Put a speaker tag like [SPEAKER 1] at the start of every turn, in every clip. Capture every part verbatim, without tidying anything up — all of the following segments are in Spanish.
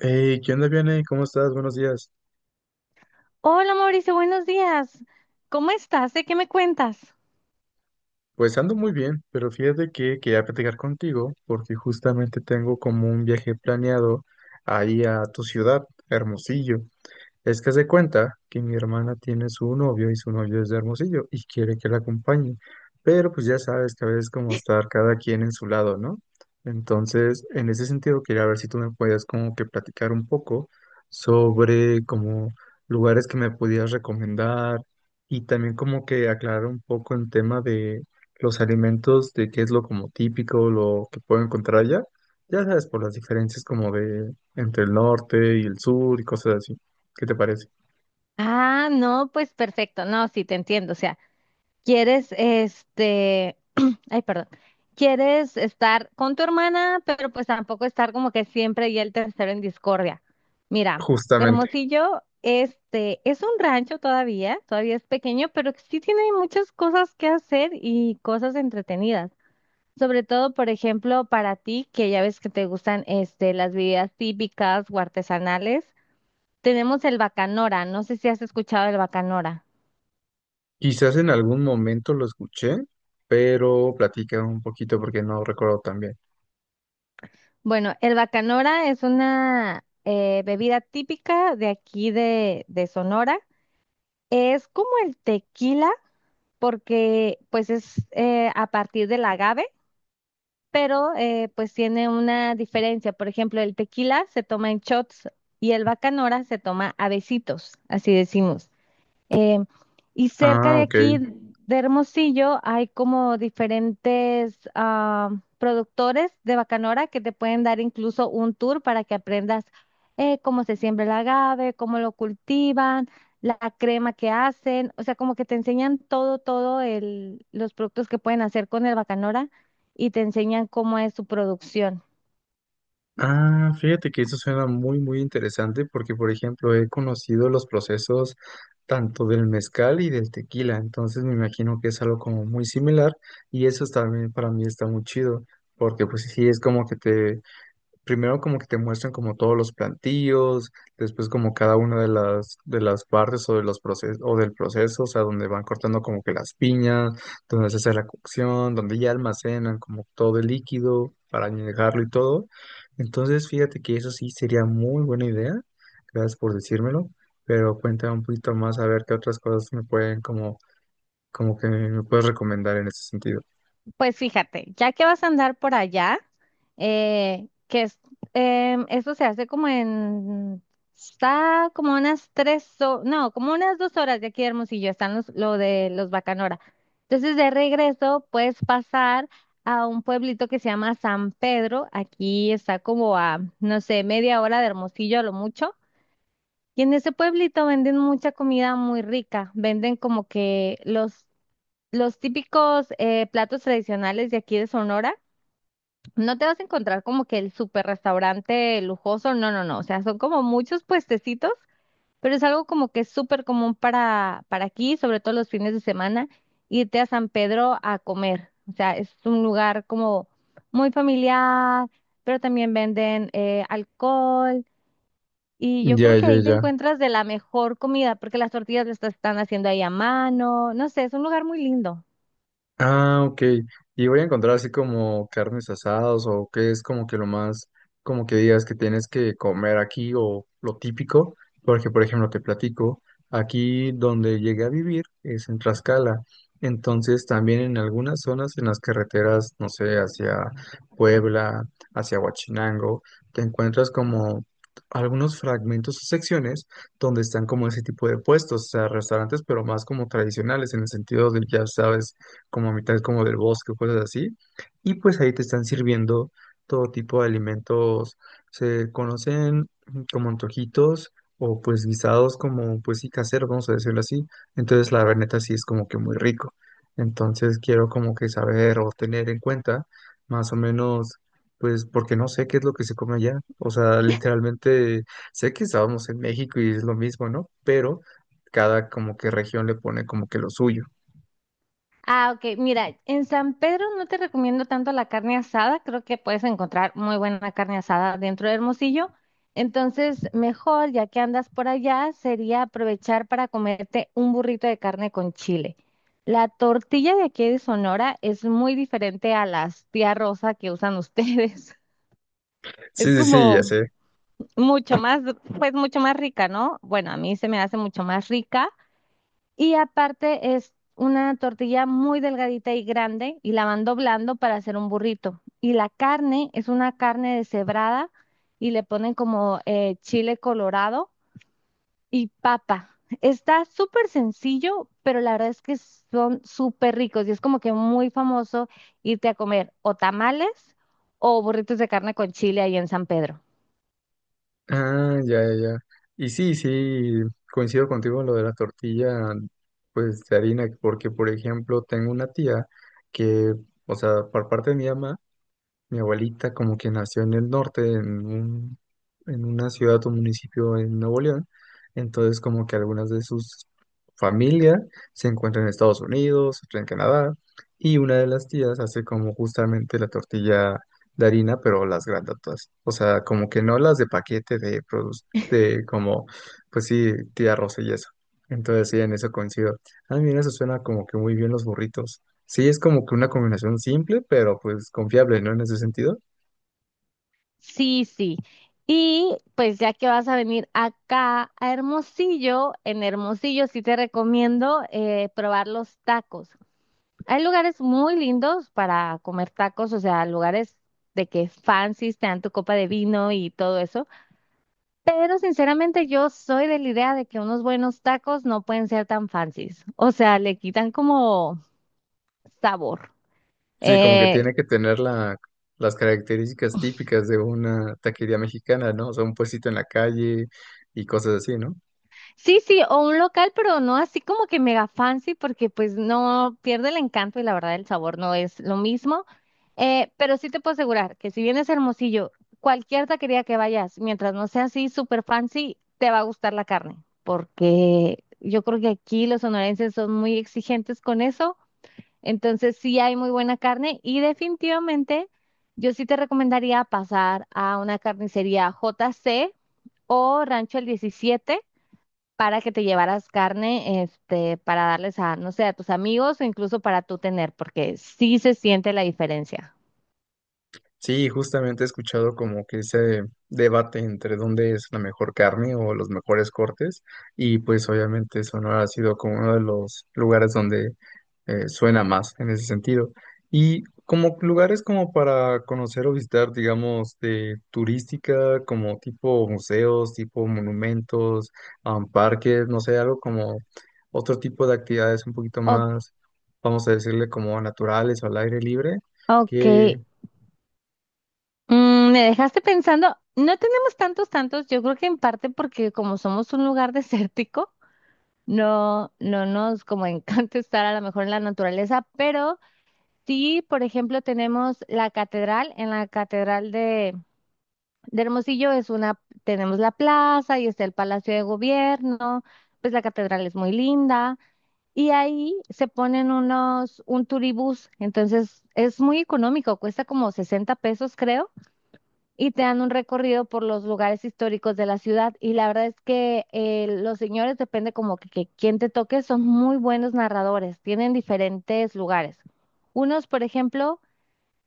[SPEAKER 1] Hey, ¿qué onda, Vianey? ¿Cómo estás? Buenos días.
[SPEAKER 2] Hola Mauricio, buenos días. ¿Cómo estás? ¿De qué me cuentas?
[SPEAKER 1] Pues ando muy bien, pero fíjate que quería platicar contigo porque justamente tengo como un viaje planeado ahí a tu ciudad, Hermosillo. Es que se cuenta que mi hermana tiene su novio y su novio es de Hermosillo y quiere que la acompañe, pero pues ya sabes que a veces como estar cada quien en su lado, ¿no? Entonces, en ese sentido, quería ver si tú me puedes como que platicar un poco sobre como lugares que me pudieras recomendar y también como que aclarar un poco el tema de los alimentos, de qué es lo como típico, lo que puedo encontrar allá, ya sabes, por las diferencias como de entre el norte y el sur y cosas así. ¿Qué te parece?
[SPEAKER 2] Ah, no, pues perfecto. No, sí, te entiendo. O sea, quieres, este, ay, perdón, quieres estar con tu hermana, pero pues tampoco estar como que siempre y el tercero en discordia. Mira,
[SPEAKER 1] Justamente.
[SPEAKER 2] Hermosillo, este, es un rancho todavía, todavía es pequeño, pero sí tiene muchas cosas que hacer y cosas entretenidas. Sobre todo, por ejemplo, para ti, que ya ves que te gustan este, las bebidas típicas o artesanales, tenemos el bacanora. No sé si has escuchado el bacanora.
[SPEAKER 1] Quizás en algún momento lo escuché, pero platica un poquito porque no recuerdo tan bien.
[SPEAKER 2] Bueno, el bacanora es una eh, bebida típica de aquí de, de Sonora. Es como el tequila, porque pues es eh, a partir del agave, pero eh, pues tiene una diferencia. Por ejemplo, el tequila se toma en shots y el bacanora se toma a besitos, así decimos. Eh, y cerca
[SPEAKER 1] Ah,
[SPEAKER 2] de
[SPEAKER 1] ok.
[SPEAKER 2] aquí de Hermosillo hay como diferentes ah, productores de bacanora que te pueden dar incluso un tour para que aprendas eh, cómo se siembra el agave, cómo lo cultivan, la crema que hacen, o sea, como que te enseñan todo, todo el, los productos que pueden hacer con el bacanora y te enseñan cómo es su producción.
[SPEAKER 1] Ah, fíjate que eso suena muy, muy interesante porque, por ejemplo, he conocido los procesos tanto del mezcal y del tequila, entonces me imagino que es algo como muy similar y eso también para mí está muy chido porque pues sí, es como que te primero como que te muestran como todos los plantillos, después como cada una de las de las partes o de los procesos o del proceso, o sea, donde van cortando como que las piñas, donde se hace la cocción, donde ya almacenan como todo el líquido para añejarlo y todo. Entonces, fíjate que eso sí sería muy buena idea. Gracias por decírmelo, pero cuéntame un poquito más a ver qué otras cosas me pueden como como que me puedes recomendar en ese sentido.
[SPEAKER 2] Pues fíjate, ya que vas a andar por allá, eh, que es, em, eso se hace como en, está como unas tres, ho- no, como unas dos horas de aquí de Hermosillo, están los, lo de los Bacanora. Entonces de regreso puedes pasar a un pueblito que se llama San Pedro, aquí está como a, no sé, media hora de Hermosillo a lo mucho. Y en ese pueblito venden mucha comida muy rica, venden como que los los típicos eh, platos tradicionales de aquí de Sonora. No te vas a encontrar como que el super restaurante lujoso, no, no, no, o sea, son como muchos puestecitos, pero es algo como que es súper común para, para aquí, sobre todo los fines de semana, irte a San Pedro a comer. O sea, es un lugar como muy familiar, pero también venden eh, alcohol. Y yo
[SPEAKER 1] Ya,
[SPEAKER 2] creo que
[SPEAKER 1] ya,
[SPEAKER 2] ahí te
[SPEAKER 1] ya.
[SPEAKER 2] encuentras de la mejor comida, porque las tortillas las están haciendo ahí a mano. No sé, es un lugar muy lindo.
[SPEAKER 1] Ah, ok. Y voy a encontrar así como carnes asadas o qué es como que lo más, como que digas que tienes que comer aquí o lo típico, porque por ejemplo te platico, aquí donde llegué a vivir es en Tlaxcala, entonces también en algunas zonas en las carreteras, no sé, hacia Puebla, hacia Huachinango, te encuentras como algunos fragmentos o secciones donde están como ese tipo de puestos, o sea, restaurantes, pero más como tradicionales en el sentido de, ya sabes, como a mitad como del bosque, cosas así. Y pues ahí te están sirviendo todo tipo de alimentos. Se conocen como antojitos o pues guisados como pues sí caseros, vamos a decirlo así. Entonces la verdad neta sí es como que muy rico. Entonces quiero como que saber o tener en cuenta más o menos pues porque no sé qué es lo que se come allá. O sea, literalmente sé que estábamos en México y es lo mismo, ¿no? Pero cada como que región le pone como que lo suyo.
[SPEAKER 2] Ah, ok. Mira, en San Pedro no te recomiendo tanto la carne asada. Creo que puedes encontrar muy buena carne asada dentro de Hermosillo. Entonces, mejor, ya que andas por allá, sería aprovechar para comerte un burrito de carne con chile. La tortilla de aquí de Sonora es muy diferente a las tía rosa que usan ustedes. Es
[SPEAKER 1] Sí, sí, sí, ya
[SPEAKER 2] como
[SPEAKER 1] sé.
[SPEAKER 2] mucho más, pues mucho más rica, ¿no? Bueno, a mí se me hace mucho más rica. Y aparte es una tortilla muy delgadita y grande y la van doblando para hacer un burrito. Y la carne es una carne deshebrada y le ponen como eh, chile colorado y papa. Está súper sencillo, pero la verdad es que son súper ricos y es como que muy famoso irte a comer o tamales o burritos de carne con chile ahí en San Pedro.
[SPEAKER 1] Ah, ya, ya, ya. Y sí, sí, coincido contigo en lo de la tortilla, pues de harina, porque por ejemplo tengo una tía que, o sea, por parte de mi mamá, mi abuelita como que nació en el norte, en un, en una ciudad o municipio en Nuevo León, entonces como que algunas de sus familia se encuentran en Estados Unidos, otra en Canadá, y una de las tías hace como justamente la tortilla de harina, pero las grandotas, o sea, como que no las de paquete de produce, de como, pues sí, tía Rosa y eso. Entonces sí, en eso coincido. A mí eso suena como que muy bien los burritos. Sí, es como que una combinación simple, pero pues confiable, ¿no? En ese sentido.
[SPEAKER 2] Sí, sí. Y pues ya que vas a venir acá a Hermosillo, en Hermosillo sí te recomiendo eh, probar los tacos. Hay lugares muy lindos para comer tacos, o sea, lugares de que fancies te dan tu copa de vino y todo eso. Pero sinceramente yo soy de la idea de que unos buenos tacos no pueden ser tan fancies. O sea, le quitan como sabor.
[SPEAKER 1] Sí, como que
[SPEAKER 2] Eh,
[SPEAKER 1] tiene que tener la, las características típicas de una taquería mexicana, ¿no? O sea, un puestito en la calle y cosas así, ¿no?
[SPEAKER 2] Sí, sí, o un local, pero no así como que mega fancy, porque pues no pierde el encanto y la verdad el sabor no es lo mismo. Eh, pero sí te puedo asegurar que si vienes a Hermosillo, cualquier taquería que vayas, mientras no sea así súper fancy, te va a gustar la carne, porque yo creo que aquí los sonorenses son muy exigentes con eso, entonces sí hay muy buena carne y definitivamente yo sí te recomendaría pasar a una carnicería J C o Rancho el diecisiete para que te llevaras carne, este, para darles a, no sé, a tus amigos o incluso para tú tener, porque sí se siente la diferencia.
[SPEAKER 1] Sí, justamente he escuchado como que ese debate entre dónde es la mejor carne o los mejores cortes y pues obviamente Sonora ha sido como uno de los lugares donde eh, suena más en ese sentido. Y como lugares como para conocer o visitar, digamos, de turística, como tipo museos, tipo monumentos, um, parques, no sé, algo como otro tipo de actividades un poquito
[SPEAKER 2] O-
[SPEAKER 1] más, vamos a decirle como naturales o al aire libre.
[SPEAKER 2] ok. Mm, me dejaste pensando, no tenemos tantos, tantos, yo creo que en parte porque como somos un lugar desértico, no, no nos como encanta estar a lo mejor en la naturaleza, pero sí, por ejemplo, tenemos la catedral, en la catedral De Hermosillo es una, tenemos la plaza y está el Palacio de Gobierno. Pues la catedral es muy linda y ahí se ponen unos, un turibús, entonces es muy económico, cuesta como sesenta pesos creo, y te dan un recorrido por los lugares históricos de la ciudad. Y la verdad es que eh, los señores, depende como que, que quien te toque, son muy buenos narradores, tienen diferentes lugares. Unos, por ejemplo,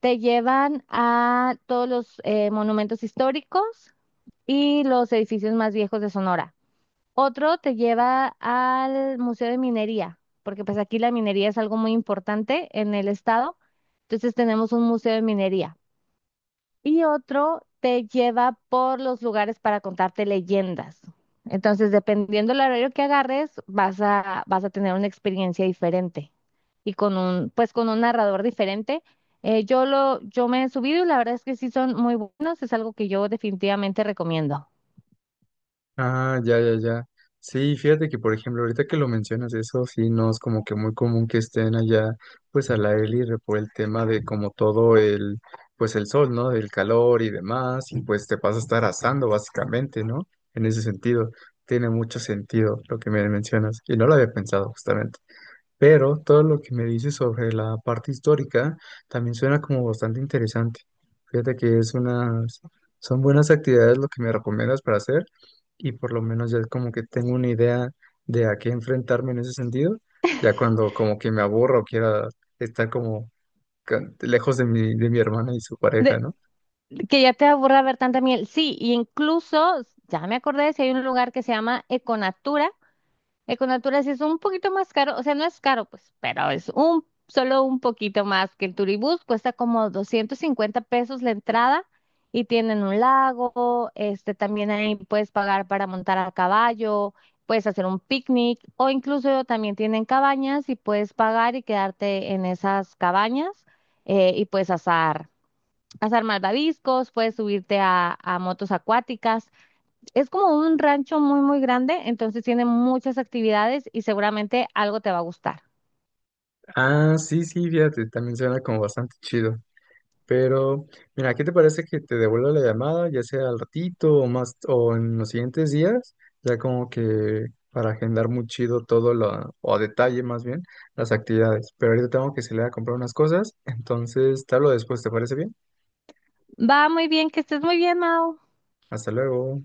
[SPEAKER 2] te llevan a todos los eh, monumentos históricos y los edificios más viejos de Sonora. Otro te lleva al Museo de Minería, porque pues aquí la minería es algo muy importante en el estado. Entonces tenemos un museo de minería. Y otro te lleva por los lugares para contarte leyendas. Entonces, dependiendo del horario que agarres, vas a, vas a tener una experiencia diferente y con un, pues con un narrador diferente. Eh, yo lo, yo me he subido y la verdad es que sí son muy buenos, es algo que yo definitivamente recomiendo.
[SPEAKER 1] Ah, ya, ya, ya. Sí, fíjate que, por ejemplo, ahorita que lo mencionas, eso sí no es como que muy común que estén allá, pues al aire libre por el tema de como todo el, pues el sol, ¿no? El calor y demás, y pues te vas a estar asando básicamente, ¿no? En ese sentido, tiene mucho sentido lo que me mencionas, y no lo había pensado justamente. Pero todo lo que me dices sobre la parte histórica también suena como bastante interesante. Fíjate que es unas, son buenas actividades lo que me recomiendas para hacer y por lo menos ya es como que tengo una idea de a qué enfrentarme en ese sentido. Ya cuando como que me aburro o quiera estar como ca- lejos de mi, de mi hermana y su pareja,
[SPEAKER 2] De-
[SPEAKER 1] ¿no?
[SPEAKER 2] Que ya te aburra ver tanta miel. Sí, y incluso, ya me acordé, si hay un lugar que se llama Econatura. Econatura sí es un poquito más caro, o sea, no es caro, pues, pero es un, solo un poquito más que el Turibús. Cuesta como doscientos cincuenta pesos la entrada y tienen un lago, este, también ahí puedes pagar para montar a caballo, puedes hacer un picnic o incluso también tienen cabañas y puedes pagar y quedarte en esas cabañas eh, y puedes asar. Hacer malvaviscos, puedes subirte a, a motos acuáticas. Es como un rancho muy, muy grande, entonces tiene muchas actividades y seguramente algo te va a gustar.
[SPEAKER 1] Ah, sí, sí, fíjate, también suena como bastante chido. Pero, mira, ¿qué te parece que te devuelva la llamada, ya sea al ratito o más, o en los siguientes días? Ya como que para agendar muy chido todo lo, o a detalle más bien, las actividades. Pero ahorita tengo que salir a comprar unas cosas, entonces te hablo después, ¿te parece bien?
[SPEAKER 2] Va muy bien, que estés muy bien, Mau.
[SPEAKER 1] Hasta luego.